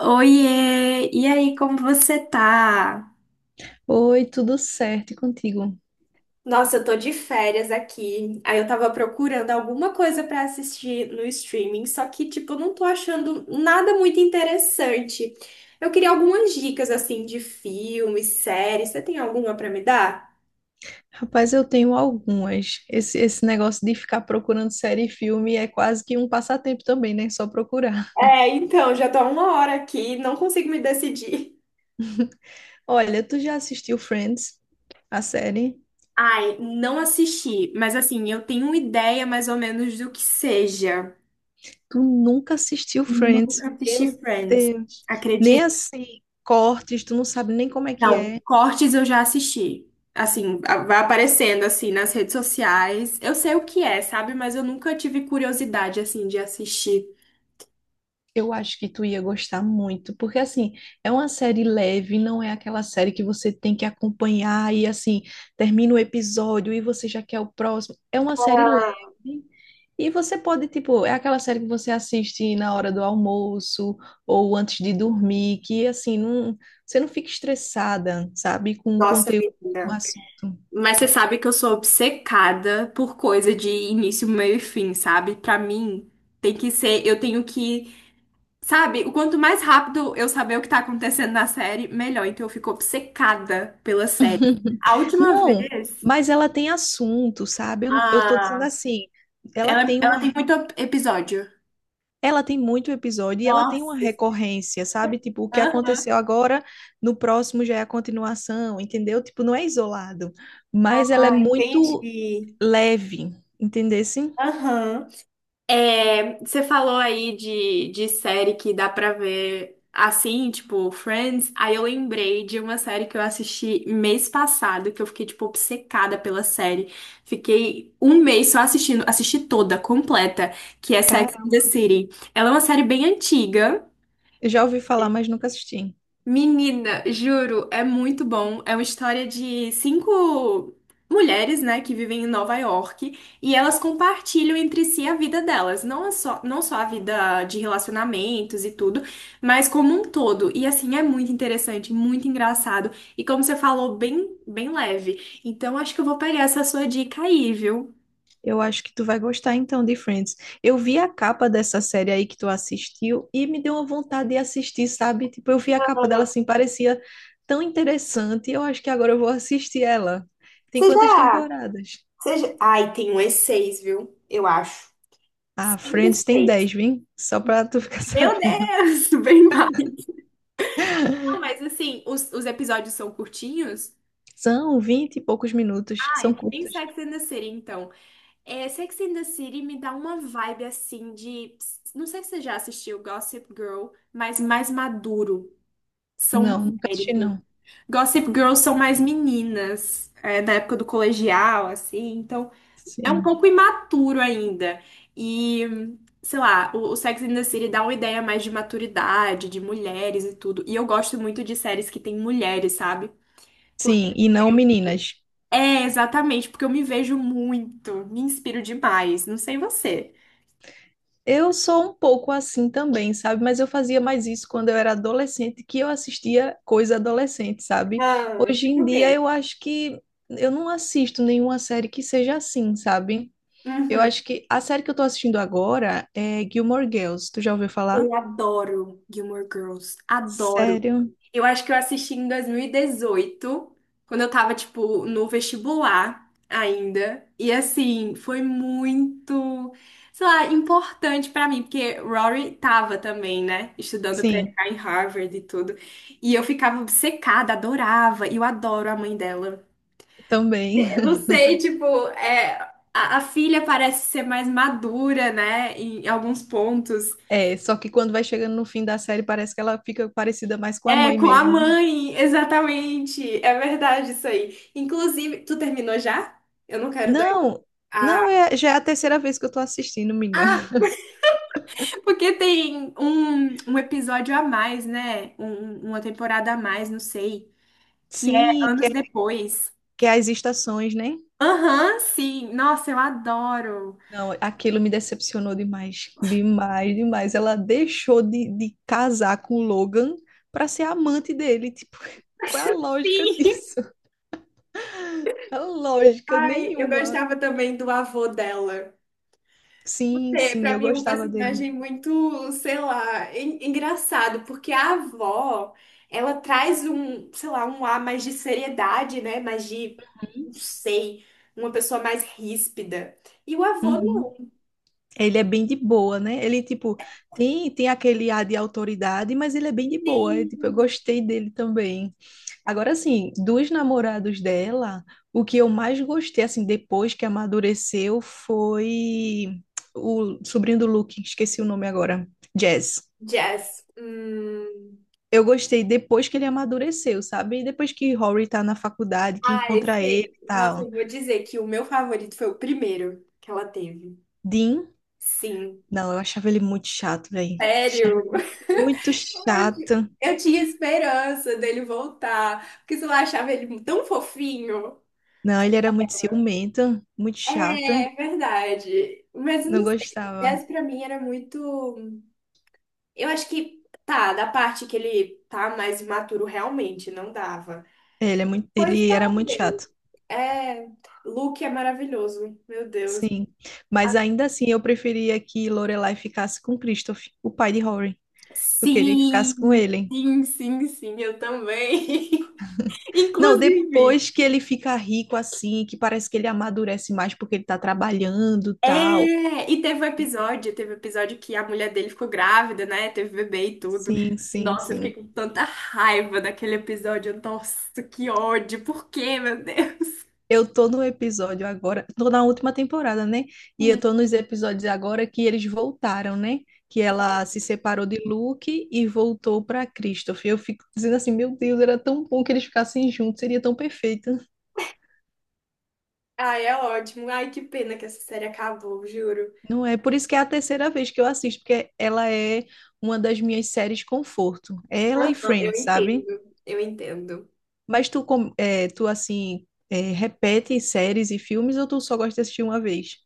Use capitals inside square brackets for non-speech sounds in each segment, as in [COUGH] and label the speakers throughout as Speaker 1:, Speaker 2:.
Speaker 1: Oiê! E aí, como você tá?
Speaker 2: Oi, tudo certo e contigo?
Speaker 1: Nossa, eu tô de férias aqui. Aí eu tava procurando alguma coisa pra assistir no streaming, só que, tipo, eu não tô achando nada muito interessante. Eu queria algumas dicas, assim, de filmes, séries. Você tem alguma pra me dar?
Speaker 2: Rapaz, eu tenho algumas. Esse negócio de ficar procurando série e filme é quase que um passatempo também, né? Só procurar.
Speaker 1: É, então, já tô há uma hora aqui, não consigo me decidir.
Speaker 2: [LAUGHS] Olha, tu já assistiu Friends, a série?
Speaker 1: Ai, não assisti, mas assim, eu tenho uma ideia mais ou menos do que seja.
Speaker 2: Tu nunca assistiu Friends?
Speaker 1: Nunca assisti
Speaker 2: Meu
Speaker 1: Friends.
Speaker 2: Deus. Nem assim, cortes, tu não sabe nem como é que
Speaker 1: Não,
Speaker 2: é.
Speaker 1: cortes eu já assisti. Assim, vai aparecendo assim nas redes sociais. Eu sei o que é, sabe? Mas eu nunca tive curiosidade assim de assistir.
Speaker 2: Eu acho que tu ia gostar muito, porque assim, é uma série leve, não é aquela série que você tem que acompanhar e assim, termina o episódio e você já quer o próximo. É uma série leve e você pode, tipo, é aquela série que você assiste na hora do almoço ou antes de dormir, que assim, não, você não fica estressada, sabe, com o
Speaker 1: Nossa,
Speaker 2: conteúdo, com o
Speaker 1: menina.
Speaker 2: assunto.
Speaker 1: Mas você sabe que eu sou obcecada por coisa de início, meio e fim, sabe? Pra mim, tem que ser, eu tenho que, sabe? O quanto mais rápido eu saber o que tá acontecendo na série, melhor. Então eu fico obcecada pela série.
Speaker 2: [LAUGHS]
Speaker 1: A última
Speaker 2: Não,
Speaker 1: vez,
Speaker 2: mas ela tem assunto, sabe? Eu tô dizendo
Speaker 1: ah,
Speaker 2: assim, ela
Speaker 1: ela,
Speaker 2: tem
Speaker 1: ela
Speaker 2: uma
Speaker 1: tem muito episódio.
Speaker 2: Ela tem muito episódio e ela tem uma
Speaker 1: Nossa.
Speaker 2: recorrência, sabe? Tipo, o que aconteceu
Speaker 1: Aham.
Speaker 2: agora, no próximo já é a continuação, entendeu? Tipo, não é isolado, mas ela é
Speaker 1: Ah,
Speaker 2: muito
Speaker 1: entendi.
Speaker 2: leve, entendesse?
Speaker 1: Aham. É, você falou aí de série que dá pra ver assim, tipo Friends. Aí eu lembrei de uma série que eu assisti mês passado, que eu fiquei, tipo, obcecada pela série. Fiquei um mês só assistindo, assisti toda, completa, que é Sex
Speaker 2: Cara,
Speaker 1: and the City. Ela é uma série bem antiga.
Speaker 2: eu já ouvi falar, mas nunca assisti.
Speaker 1: Menina, juro, é muito bom. É uma história de cinco mulheres, né, que vivem em Nova York e elas compartilham entre si a vida delas, não é só, não só a vida de relacionamentos e tudo, mas como um todo. E assim, é muito interessante, muito engraçado e como você falou, bem, bem leve. Então, acho que eu vou pegar essa sua dica aí, viu?
Speaker 2: Eu acho que tu vai gostar então de Friends. Eu vi a capa dessa série aí que tu assistiu e me deu uma vontade de assistir, sabe? Tipo, eu vi a capa dela
Speaker 1: Ah,
Speaker 2: assim, parecia tão interessante. Eu acho que agora eu vou assistir ela. Tem
Speaker 1: Você
Speaker 2: quantas
Speaker 1: já,
Speaker 2: temporadas?
Speaker 1: Ai, tem um e seis, viu? Eu acho.
Speaker 2: Ah,
Speaker 1: Cinco,
Speaker 2: Friends tem
Speaker 1: seis.
Speaker 2: 10, viu? Só pra tu ficar [LAUGHS]
Speaker 1: Meu
Speaker 2: sabendo.
Speaker 1: Deus, [LAUGHS] bem mal. Não, mas assim, os episódios são curtinhos?
Speaker 2: São 20 e poucos minutos,
Speaker 1: Ah, é.
Speaker 2: são
Speaker 1: Ai, em
Speaker 2: curtos.
Speaker 1: Sex and the City, então. É, Sex and the City me dá uma vibe assim de. Não sei se você já assistiu Gossip Girl, mas mais maduro. São
Speaker 2: Não, nunca assisti
Speaker 1: mulheres, né?
Speaker 2: não.
Speaker 1: Gossip Girls são mais meninas, é, da época do colegial, assim. Então, é um
Speaker 2: Sim.
Speaker 1: pouco imaturo ainda. E, sei lá, o Sex and the City dá uma ideia mais de maturidade, de mulheres e tudo. E eu gosto muito de séries que tem mulheres, sabe?
Speaker 2: Sim, e não meninas.
Speaker 1: É, exatamente, porque eu me vejo muito, me inspiro demais. Não sei você.
Speaker 2: Eu sou um pouco assim também, sabe? Mas eu fazia mais isso quando eu era adolescente, que eu assistia coisa adolescente, sabe?
Speaker 1: Ah,
Speaker 2: Hoje
Speaker 1: tipo
Speaker 2: em
Speaker 1: o
Speaker 2: dia
Speaker 1: quê?
Speaker 2: eu acho que eu não assisto nenhuma série que seja assim, sabe? Eu
Speaker 1: Uhum.
Speaker 2: acho que a série que eu tô assistindo agora é Gilmore Girls. Tu já ouviu falar?
Speaker 1: Eu adoro Gilmore Girls, adoro.
Speaker 2: Sério?
Speaker 1: Eu acho que eu assisti em 2018, quando eu tava, tipo, no vestibular ainda. E assim, foi muito, sei lá, importante pra mim, porque Rory tava também, né, estudando pra
Speaker 2: Sim,
Speaker 1: entrar em Harvard e tudo. E eu ficava obcecada, adorava, e eu adoro a mãe dela.
Speaker 2: também. [LAUGHS]
Speaker 1: Não sei, tipo, é, a filha parece ser mais madura, né, em alguns pontos.
Speaker 2: É, só que quando vai chegando no fim da série, parece que ela fica parecida mais com a
Speaker 1: É,
Speaker 2: mãe
Speaker 1: com a
Speaker 2: mesmo.
Speaker 1: mãe, exatamente. É verdade isso aí. Inclusive, tu terminou já? Eu não quero dar.
Speaker 2: Não,
Speaker 1: Ah,
Speaker 2: não, é, já é a terceira vez que eu tô assistindo, menina.
Speaker 1: ah, porque tem um episódio a mais, né? Uma temporada a mais, não sei. Que é
Speaker 2: Sim, que
Speaker 1: anos
Speaker 2: é,
Speaker 1: depois.
Speaker 2: que é as estações, né?
Speaker 1: Aham, sim. Nossa, eu adoro.
Speaker 2: Não, aquilo me decepcionou demais, demais, demais. Ela deixou de casar com o Logan para ser amante dele. Tipo, [LAUGHS]
Speaker 1: [LAUGHS]
Speaker 2: qual é a lógica
Speaker 1: Sim.
Speaker 2: disso? A lógica
Speaker 1: Ai, eu
Speaker 2: nenhuma.
Speaker 1: gostava também do avô dela.
Speaker 2: Sim,
Speaker 1: É,
Speaker 2: sim,
Speaker 1: pra
Speaker 2: eu
Speaker 1: mim é um
Speaker 2: gostava dele.
Speaker 1: personagem muito, sei lá, engraçado, porque a avó, ela traz um, sei lá, um ar mais de seriedade, né? Mais de, não sei, uma pessoa mais ríspida. E o avô
Speaker 2: Uhum.
Speaker 1: não
Speaker 2: Ele é bem de boa, né? Ele, tipo, tem aquele ar de autoridade, mas ele é bem de boa. É, tipo, eu
Speaker 1: tem
Speaker 2: gostei dele também. Agora, assim, dos namorados dela, o que eu mais gostei, assim, depois que amadureceu, foi o sobrinho do Luke, esqueci o nome agora, Jazz.
Speaker 1: jazz.
Speaker 2: Eu gostei depois que ele amadureceu, sabe? E depois que Rory tá na faculdade, que
Speaker 1: Ah,
Speaker 2: encontra ele
Speaker 1: sei.
Speaker 2: e
Speaker 1: Nossa,
Speaker 2: tal.
Speaker 1: eu vou dizer que o meu favorito foi o primeiro que ela teve.
Speaker 2: Dean,
Speaker 1: Sim.
Speaker 2: não, eu achava ele muito chato, velho. Achava
Speaker 1: Sério?
Speaker 2: ele muito
Speaker 1: [LAUGHS]
Speaker 2: chato.
Speaker 1: Eu tinha esperança dele voltar, porque sei lá, achava ele tão fofinho.
Speaker 2: Não, ele era muito ciumento, muito chato.
Speaker 1: É verdade. Mas eu
Speaker 2: Não
Speaker 1: não sei, o
Speaker 2: gostava.
Speaker 1: Tess pra mim era muito. Eu acho que tá, da parte que ele tá mais imaturo realmente, não dava.
Speaker 2: É, ele é muito,
Speaker 1: Pois
Speaker 2: ele era muito
Speaker 1: talvez.
Speaker 2: chato.
Speaker 1: É, Luke é maravilhoso, meu Deus.
Speaker 2: Sim, mas ainda assim eu preferia que Lorelai ficasse com Christoph, o pai de Rory. Eu queria que ficasse com
Speaker 1: Sim,
Speaker 2: ele.
Speaker 1: sim, sim, sim, eu também. [LAUGHS]
Speaker 2: Não,
Speaker 1: Inclusive.
Speaker 2: depois que ele fica rico assim, que parece que ele amadurece mais porque ele tá trabalhando, tal.
Speaker 1: É, e teve um episódio, que a mulher dele ficou grávida, né? Teve bebê e tudo.
Speaker 2: Sim, sim,
Speaker 1: Nossa, eu fiquei
Speaker 2: sim.
Speaker 1: com tanta raiva daquele episódio. Nossa, que ódio. Por quê, meu Deus?
Speaker 2: Eu tô no episódio agora, tô na última temporada, né? E eu
Speaker 1: Hum.
Speaker 2: tô nos episódios agora que eles voltaram, né? Que ela se separou de Luke e voltou pra Christoph. Eu fico dizendo assim, meu Deus, era tão bom que eles ficassem juntos, seria tão perfeito.
Speaker 1: Ai, é ótimo. Ai, que pena que essa série acabou, juro.
Speaker 2: Não é por isso que é a terceira vez que eu assisto, porque ela é uma das minhas séries conforto. É ela e
Speaker 1: Eu
Speaker 2: Friends, sabe?
Speaker 1: entendo, eu entendo.
Speaker 2: Mas tu, tu assim, é, repete séries e filmes ou tu só gosta de assistir uma vez?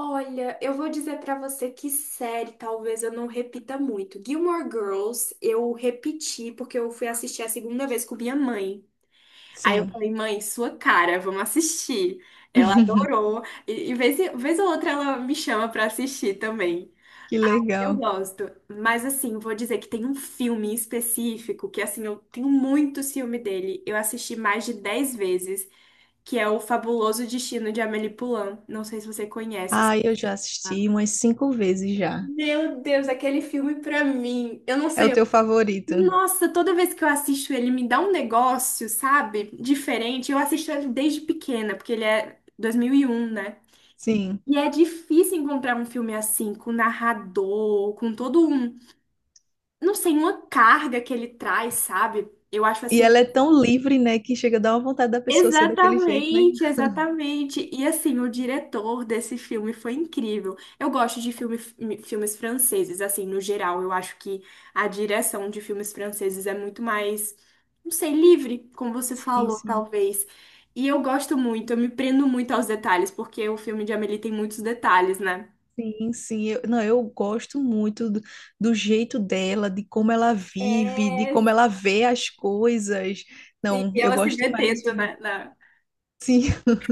Speaker 1: Olha, eu vou dizer pra você que série talvez eu não repita muito. Gilmore Girls eu repeti porque eu fui assistir a segunda vez com minha mãe. Aí eu
Speaker 2: Sim,
Speaker 1: falei, mãe, sua cara, vamos assistir. Ela adorou. Vez ou outra ela me chama pra assistir também.
Speaker 2: que
Speaker 1: Aí eu
Speaker 2: legal.
Speaker 1: gosto. Mas assim, vou dizer que tem um filme em específico que assim, eu tenho muito ciúme dele. Eu assisti mais de 10 vezes, que é O Fabuloso Destino de Amélie Poulain. Não sei se você conhece esse.
Speaker 2: Ah, eu já assisti umas cinco vezes já.
Speaker 1: Meu Deus, aquele filme pra mim. Eu não
Speaker 2: É o
Speaker 1: sei.
Speaker 2: teu favorito?
Speaker 1: Nossa, toda vez que eu assisto ele, me dá um negócio, sabe? Diferente. Eu assisto ele desde pequena, porque ele é 2001, né?
Speaker 2: Sim.
Speaker 1: E é difícil encontrar um filme assim, com narrador, com todo um, não sei, uma carga que ele traz, sabe? Eu acho
Speaker 2: E
Speaker 1: assim.
Speaker 2: ela é tão livre, né, que chega a dar uma vontade da pessoa ser daquele jeito, né?
Speaker 1: Exatamente, exatamente. E assim, o diretor desse filme foi incrível. Eu gosto de filme, filmes franceses, assim, no geral. Eu acho que a direção de filmes franceses é muito mais, não sei, livre, como você
Speaker 2: Sim,
Speaker 1: falou,
Speaker 2: sim.
Speaker 1: talvez. E eu gosto muito, eu me prendo muito aos detalhes, porque o filme de Amélie tem muitos detalhes, né?
Speaker 2: Sim, sim, eu, não, eu gosto muito do jeito dela, de como ela vive, de
Speaker 1: É,
Speaker 2: como ela vê as coisas.
Speaker 1: sim,
Speaker 2: Não, eu
Speaker 1: ela se
Speaker 2: gosto demais desse
Speaker 1: metendo,
Speaker 2: filme.
Speaker 1: né?
Speaker 2: Sim, [LAUGHS]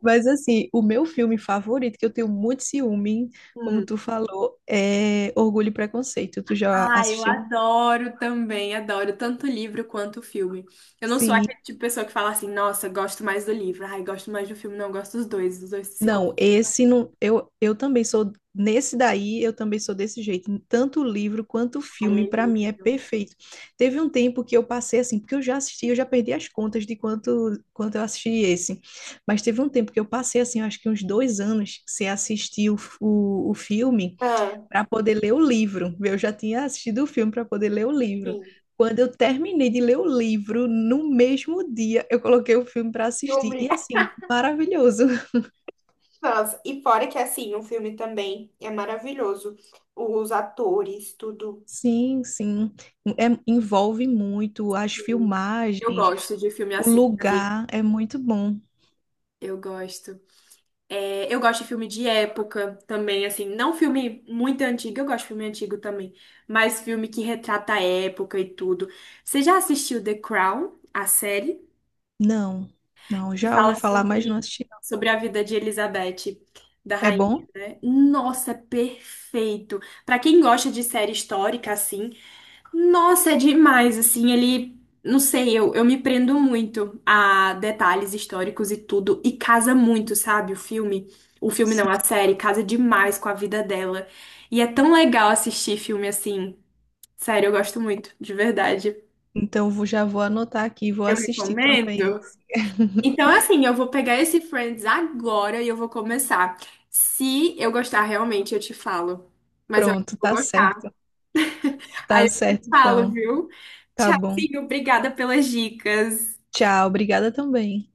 Speaker 2: mas assim, o meu filme favorito, que eu tenho muito ciúme, como tu falou, é Orgulho e Preconceito. Tu já
Speaker 1: Ah, eu
Speaker 2: assistiu?
Speaker 1: adoro também, adoro tanto o livro quanto o filme. Eu não sou
Speaker 2: Sim,
Speaker 1: aquele tipo de pessoa que fala assim, nossa, gosto mais do livro, ai, gosto mais do filme, não, gosto dos dois, os dois se
Speaker 2: não,
Speaker 1: completam,
Speaker 2: esse não. Eu também sou. Nesse daí, eu também sou desse jeito. Tanto o livro quanto o
Speaker 1: ai,
Speaker 2: filme,
Speaker 1: é
Speaker 2: para mim, é
Speaker 1: lindo.
Speaker 2: perfeito. Teve um tempo que eu passei assim, porque eu já assisti, eu já perdi as contas de quanto eu assisti esse. Mas teve um tempo que eu passei assim, eu acho que uns 2 anos, sem assistir o filme,
Speaker 1: Ah,
Speaker 2: para poder ler o livro. Eu já tinha assistido o filme para poder ler o livro.
Speaker 1: sim.
Speaker 2: Quando eu terminei de ler o livro, no mesmo dia, eu coloquei o filme para assistir.
Speaker 1: Filme.
Speaker 2: E assim, maravilhoso.
Speaker 1: Nossa, e fora que assim, o filme também é maravilhoso. Os atores, tudo.
Speaker 2: Sim, sim. Envolve muito as
Speaker 1: Sim. Eu
Speaker 2: filmagens,
Speaker 1: gosto de filme
Speaker 2: o
Speaker 1: assim, sabia?
Speaker 2: lugar é muito bom.
Speaker 1: Eu gosto. É, eu gosto de filme de época também, assim, não filme muito antigo, eu gosto de filme antigo também, mas filme que retrata a época e tudo. Você já assistiu The Crown, a série,
Speaker 2: Não, não,
Speaker 1: que
Speaker 2: já ouvi
Speaker 1: fala
Speaker 2: falar, mas
Speaker 1: sobre,
Speaker 2: não assisti. Não.
Speaker 1: sobre a vida de Elizabeth, da
Speaker 2: É
Speaker 1: rainha,
Speaker 2: bom?
Speaker 1: né? Nossa, é perfeito! Pra quem gosta de série histórica, assim, nossa, é demais, assim, ele, não sei, eu me prendo muito a detalhes históricos e tudo, e casa muito, sabe, o filme não,
Speaker 2: Sim.
Speaker 1: a série, casa demais com a vida dela, e é tão legal assistir filme assim, sério, eu gosto muito, de verdade,
Speaker 2: Então já vou anotar aqui, vou
Speaker 1: eu
Speaker 2: assistir também.
Speaker 1: recomendo.
Speaker 2: [LAUGHS]
Speaker 1: Então, assim, eu vou pegar esse Friends agora e eu vou começar, se eu gostar realmente, eu te falo, mas eu acho que
Speaker 2: Pronto,
Speaker 1: eu vou
Speaker 2: tá
Speaker 1: gostar,
Speaker 2: certo.
Speaker 1: aí
Speaker 2: Tá
Speaker 1: eu te
Speaker 2: certo,
Speaker 1: falo,
Speaker 2: então.
Speaker 1: viu?
Speaker 2: Tá bom.
Speaker 1: Tchauzinho, obrigada pelas dicas.
Speaker 2: Tchau, obrigada também.